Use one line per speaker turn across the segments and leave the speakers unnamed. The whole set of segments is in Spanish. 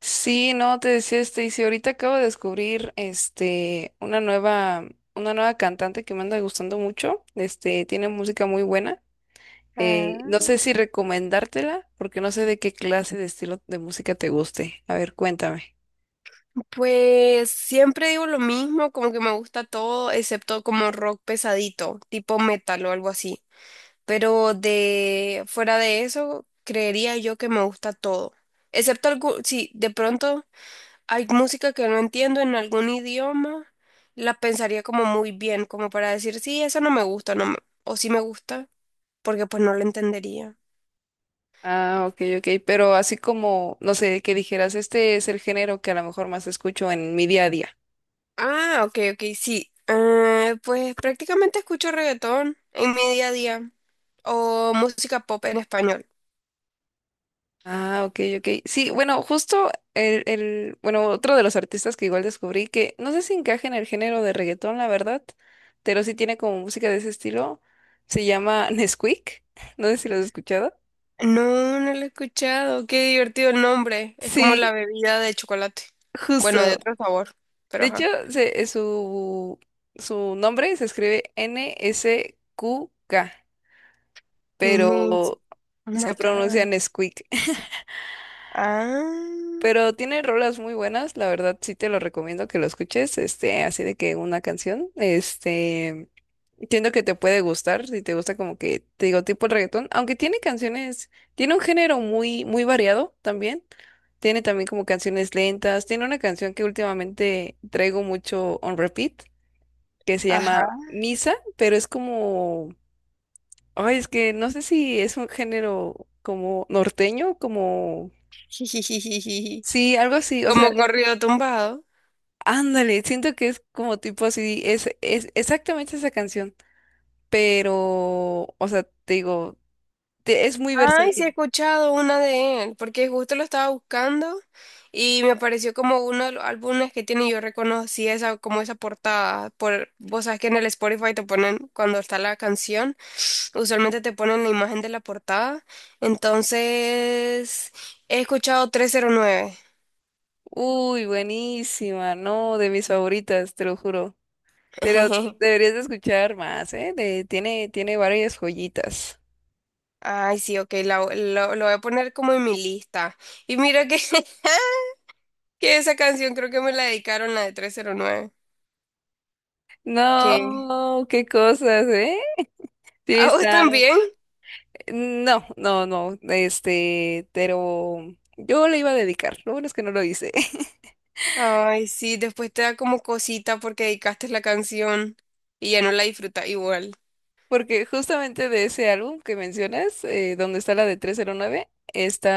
Sí, no, te decía y si ahorita acabo de descubrir una nueva cantante que me anda gustando mucho, tiene música muy buena. No
Ah,
sé si recomendártela, porque no sé de qué clase de estilo de música te guste. A ver, cuéntame.
pues siempre digo lo mismo, como que me gusta todo, excepto como rock pesadito, tipo metal o algo así. Pero de fuera de eso, creería yo que me gusta todo. Excepto algo, si de pronto hay música que no entiendo en algún idioma, la pensaría como muy bien, como para decir, sí, eso no me gusta, no me- o sí me gusta, porque pues no lo entendería.
Ah, ok, ok, pero así como, no sé, que dijeras, este es el género que a lo mejor más escucho en mi día a día.
Ah, ok, ok, sí. Pues prácticamente escucho reggaetón en mi día a día, o música pop en español.
Ah, ok, ok. Sí, bueno, justo bueno, otro de los artistas que igual descubrí que no sé si encaja en el género de reggaetón, la verdad, pero sí tiene como música de ese estilo. Se llama Nesquik. No sé si lo has escuchado.
No, no lo he escuchado. Qué divertido el nombre. Es como la
Sí,
bebida de chocolate. Bueno, de
justo.
otro sabor, pero
De hecho,
ajá.
se- eh, su, su nombre se escribe N-S-Q-K,
¿Quién es?
pero
Oh my
se pronuncia
God.
Nesquik.
Ah,
Pero tiene rolas muy buenas, la verdad sí te lo recomiendo que lo escuches, así de que una canción, entiendo que te puede gustar, si te gusta como que, te digo, tipo el reggaetón, aunque tiene canciones, tiene un género muy, muy variado también, tiene también como canciones lentas, tiene una canción que últimamente traigo mucho on repeat, que se
ajá.
llama Misa, pero es como, ay, es que no sé si es un género como norteño, como,
Jijijijiji.
sí, algo así, o sea...
Como corrido tumbado.
Ándale, siento que es como tipo así, es exactamente esa canción, pero, o sea, te digo, es muy
Ay, sí he
versátil.
escuchado una de él, porque justo lo estaba buscando y me apareció como uno de los álbumes que tiene y yo reconocí esa, como esa portada. Por, vos sabes que en el Spotify te ponen cuando está la canción, usualmente te ponen la imagen de la portada. Entonces, he escuchado trescientos nueve.
Uy, buenísima, no, de mis favoritas, te lo juro. Pero deberías de escuchar más, ¿eh? Tiene, tiene varias joyitas.
Ay, sí, ok, la- lo voy a poner como en mi lista. Y mira que, que esa canción creo que me la dedicaron, la de 309. ¿Qué?
No, qué cosas, ¿eh? Sí,
¿A vos
está.
también?
No, no, no, pero yo le iba a dedicar, lo bueno es que no lo hice.
Ay, sí, después te da como cosita porque dedicaste la canción y ya no la disfrutas igual.
Porque justamente de ese álbum que mencionas, donde está la de 309,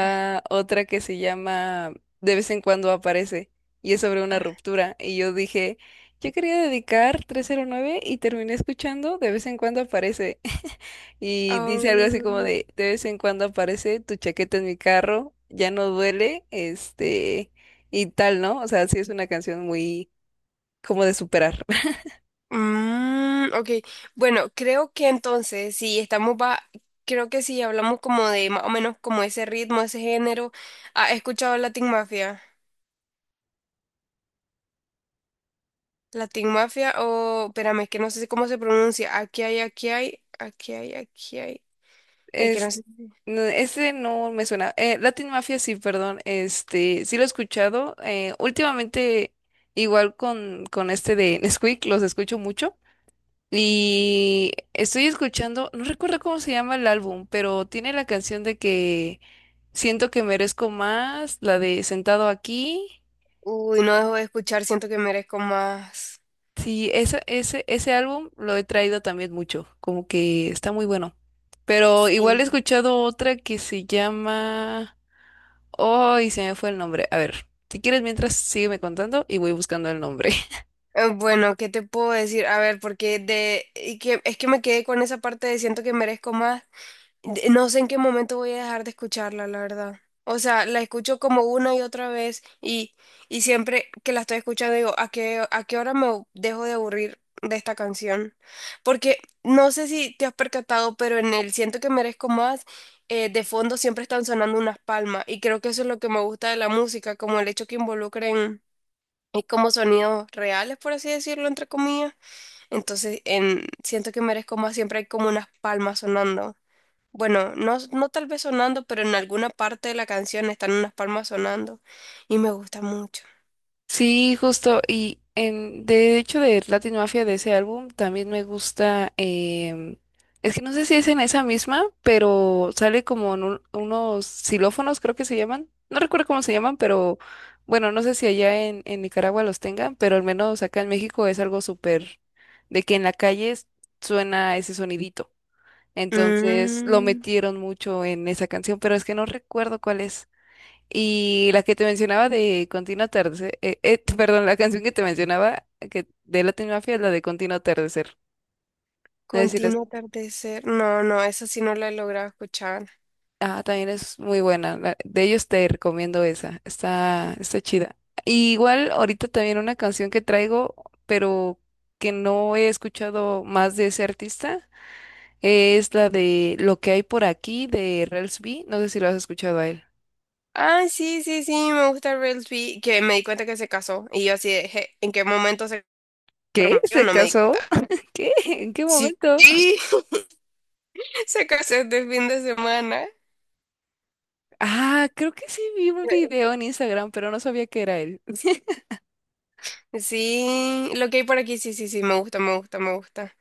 Ah,
otra que se llama De vez en cuando aparece y es sobre una ruptura. Y yo dije, yo quería dedicar 309 y terminé escuchando De vez en cuando aparece. Y dice algo así
ah.
como de vez en cuando aparece tu chaqueta en mi carro, ya no duele, y tal, ¿no? O sea, sí es una canción muy como de superar.
Ok, bueno, creo que entonces, si estamos, va, creo que si hablamos como de más o menos como ese ritmo, ese género, ¿has escuchado Latin Mafia? Latin Mafia o, espérame, es que no sé cómo se pronuncia, aquí hay, es que no
Es,
sé,
no, ese no me suena. Latin Mafia, sí, perdón. Sí lo he escuchado. Últimamente, igual con este de Nesquik, los escucho mucho. Y estoy escuchando, no recuerdo cómo se llama el álbum, pero tiene la canción de que siento que merezco más, la de Sentado aquí.
uy, no dejo de escuchar, siento que merezco más.
Sí, esa, ese álbum lo he traído también mucho, como que está muy bueno. Pero igual he
Sí.
escuchado otra que se llama... Ay, se me fue el nombre. A ver, si quieres, mientras sígueme contando y voy buscando el nombre.
Bueno, ¿qué te puedo decir? A ver, porque de, y que, es que me quedé con esa parte de siento que merezco más. De- no sé en qué momento voy a dejar de escucharla, la verdad. O sea, la escucho como una y otra vez y siempre que la estoy escuchando digo, a qué hora me dejo de aburrir de esta canción? Porque no sé si te has percatado, pero en el Siento que merezco más, de fondo siempre están sonando unas palmas y creo que eso es lo que me gusta de la música, como el hecho que involucren como sonidos reales, por así decirlo, entre comillas. Entonces, en Siento que merezco más siempre hay como unas palmas sonando. Bueno, no, no tal vez sonando, pero en alguna parte de la canción están unas palmas sonando y me gusta mucho.
Sí, justo. Y en, de hecho, de Latin Mafia, de ese álbum, también me gusta. Es que no sé si es en esa misma, pero sale como en unos xilófonos, creo que se llaman. No recuerdo cómo se llaman, pero bueno, no sé si allá en Nicaragua los tengan, pero al menos acá en México es algo súper de que en la calle suena ese sonidito. Entonces lo
Mm,
metieron mucho en esa canción, pero es que no recuerdo cuál es. Y la que te mencionaba de Continuo Atardecer, perdón, la canción que te mencionaba que de Latin Mafia es la de Continuo Atardecer. Es decir,
Continuo atardecer. No, no, esa sí no la he logrado escuchar.
ah, también es muy buena. De ellos te recomiendo esa, está, está chida. Y igual ahorita también una canción que traigo, pero que no he escuchado más de ese artista, es la de Lo que hay por aquí de Rels B. No sé si lo has escuchado a él.
Ah, sí, sí, sí, me gusta Real B, que me di cuenta que se casó y yo así de, "Je, ¿en qué momento se
¿Qué?
prometió?
¿Se
No me di
casó?
cuenta."
¿Qué? ¿En qué
Sí,
momento?
se casó este fin de semana.
Ah, creo que sí vi un video en Instagram, pero no sabía que era él.
Sí, lo que hay por aquí, sí, sí, sí, me gusta, me gusta, me gusta.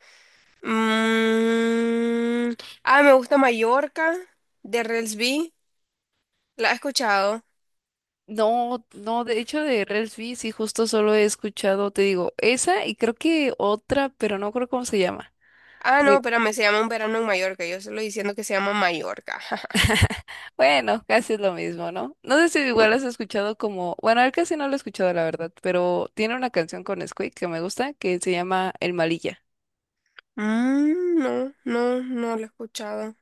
Mm, Me gusta Mallorca, de Relsby. ¿La has escuchado?
No, no, de hecho de Reels B, sí, justo solo he escuchado, te digo, esa y creo que otra, pero no creo cómo se llama.
Ah, no,
Sí.
espérame, se llama Un verano en Mallorca. Yo solo diciendo que se llama Mallorca.
Bueno, casi es lo mismo, ¿no? No sé si igual has escuchado como, bueno, él casi no lo he escuchado, la verdad, pero tiene una canción con Squeak que me gusta que se llama El Malilla.
Mm, no, no, no lo he escuchado.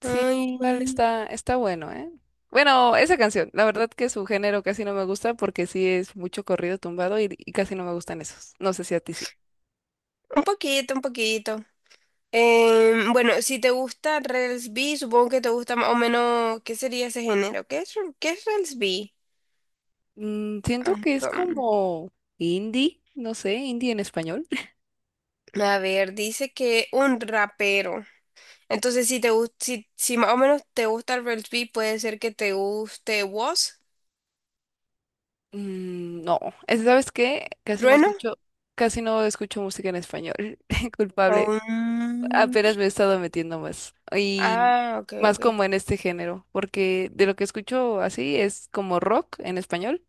Sí, igual
Ay,
está, está bueno, ¿eh? Bueno, esa canción, la verdad que su género casi no me gusta porque sí es mucho corrido tumbado y casi no me gustan esos. No sé si a ti sí.
un poquito, un poquito. Bueno, si te gusta Rels B, supongo que te gusta más o menos, ¿qué sería ese género? Qué es Rels B?
Mm, siento
Ah,
que es
com-
como indie, no sé, indie en español.
a ver, dice que un rapero. Entonces, si te gusta, si, si más o menos te gusta el rugby, puede ser que te guste Woz,
Mm, no, ¿sabes qué?
Trueno,
Casi no escucho música en español. Culpable.
o
Apenas me he estado metiendo más. Y
ah, ok,
más
ok.
como en este género, porque de lo que escucho así es como rock en español.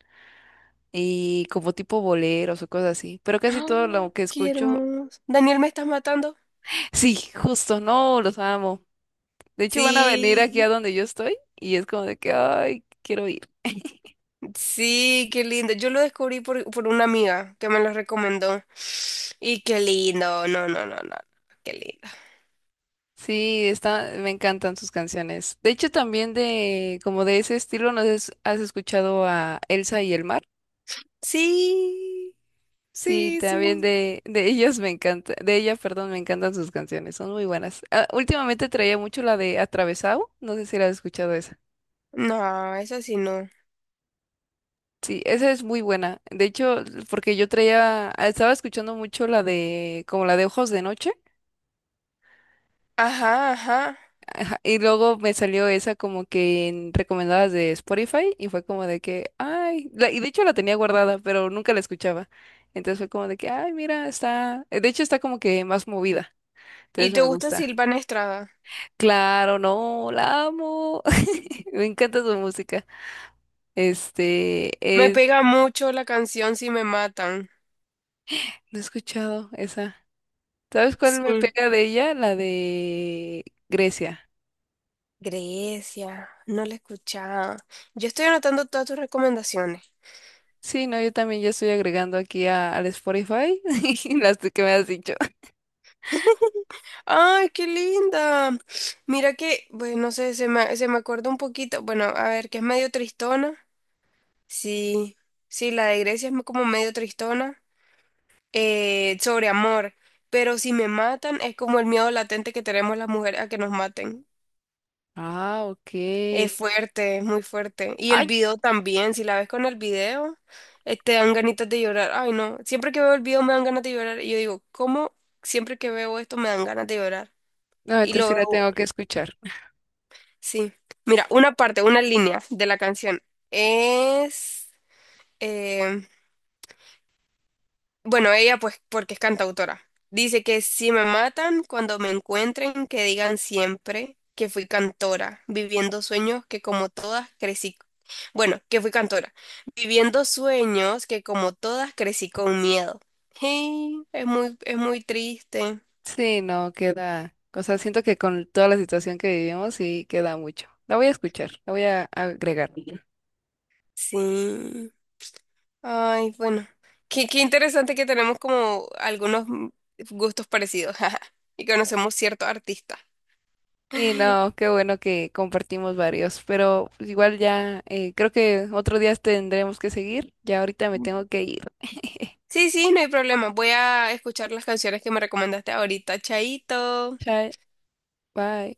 Y como tipo boleros o cosas así. Pero casi
Ah,
todo lo que
qué
escucho,
hermoso. Daniel, ¿me estás matando?
sí, justo, no, los amo. De hecho, van a venir aquí
Sí,
a donde yo estoy y es como de que, ay, quiero ir.
sí, qué lindo. Yo lo descubrí por una amiga que me lo recomendó. Y qué lindo. No, no, no, no. Qué lindo.
Sí, está, me encantan sus canciones. De hecho, también de, como de ese estilo, no sé si has escuchado a Elsa y el mar.
Sí,
Sí,
sí,
también
sí.
de ellos me encanta, de ella, perdón, me encantan sus canciones, son muy buenas. Ah, últimamente traía mucho la de Atravesado, no sé si la has escuchado esa.
No, eso sí no.
Sí, esa es muy buena. De hecho, porque yo traía, ah, estaba escuchando mucho la de, como la de Ojos de Noche,
Ajá, ajá.
ajá, y luego me salió esa como que en recomendadas de Spotify, y fue como de que, ay, y de hecho la tenía guardada, pero nunca la escuchaba. Entonces fue como de que, ay, mira, está, de hecho está como que más movida,
¿Y
entonces
te
me
gusta
gusta.
Silvana Estrada?
Claro, no, la amo. Me encanta su música. Este,
Me
es,
pega mucho la canción Si me matan.
no he escuchado esa. ¿Sabes cuál me
Sí.
pega de ella? La de Grecia.
Grecia, no la he escuchado. Yo estoy anotando todas tus recomendaciones.
Sí, no, yo también ya estoy agregando aquí al Spotify las que me has dicho.
¡Ay, qué linda! Mira que, bueno, no sé, se me acuerda un poquito. Bueno, a ver, que es medio tristona. Sí, sí, la de Grecia es como medio tristona. Sobre amor. Pero si me matan, es como el miedo latente que tenemos las mujeres a que nos maten.
Ah,
Es
ok.
fuerte, es muy fuerte. Y el
Ay,
video también, si la ves con el video, te dan ganitas de llorar. Ay, no, siempre que veo el video me dan ganas de llorar. Y yo digo, ¿cómo siempre que veo esto me dan ganas de llorar?
no,
Y
entonces
lo
sí la
veo,
tengo que escuchar.
sí. Mira, una parte, una línea de la canción es... em, Bueno, ella pues porque es cantautora. Dice que si me matan, cuando me encuentren, que digan siempre que fui cantora, viviendo sueños que como todas crecí. Bueno, que fui cantora, viviendo sueños que como todas crecí con miedo. Hey, es muy triste.
Sí, no, queda. O sea, siento que con toda la situación que vivimos, sí queda mucho. La voy a escuchar, la voy a agregar.
Sí. Ay, bueno. Qué, qué interesante que tenemos como algunos gustos parecidos y conocemos ciertos artistas.
Sí, no, qué bueno que compartimos varios, pero pues, igual ya creo que otro día tendremos que seguir. Ya ahorita me tengo que ir.
Sí, sí, no hay problema. Voy a escuchar las canciones que me recomendaste ahorita. Chaito.
Chao, bye.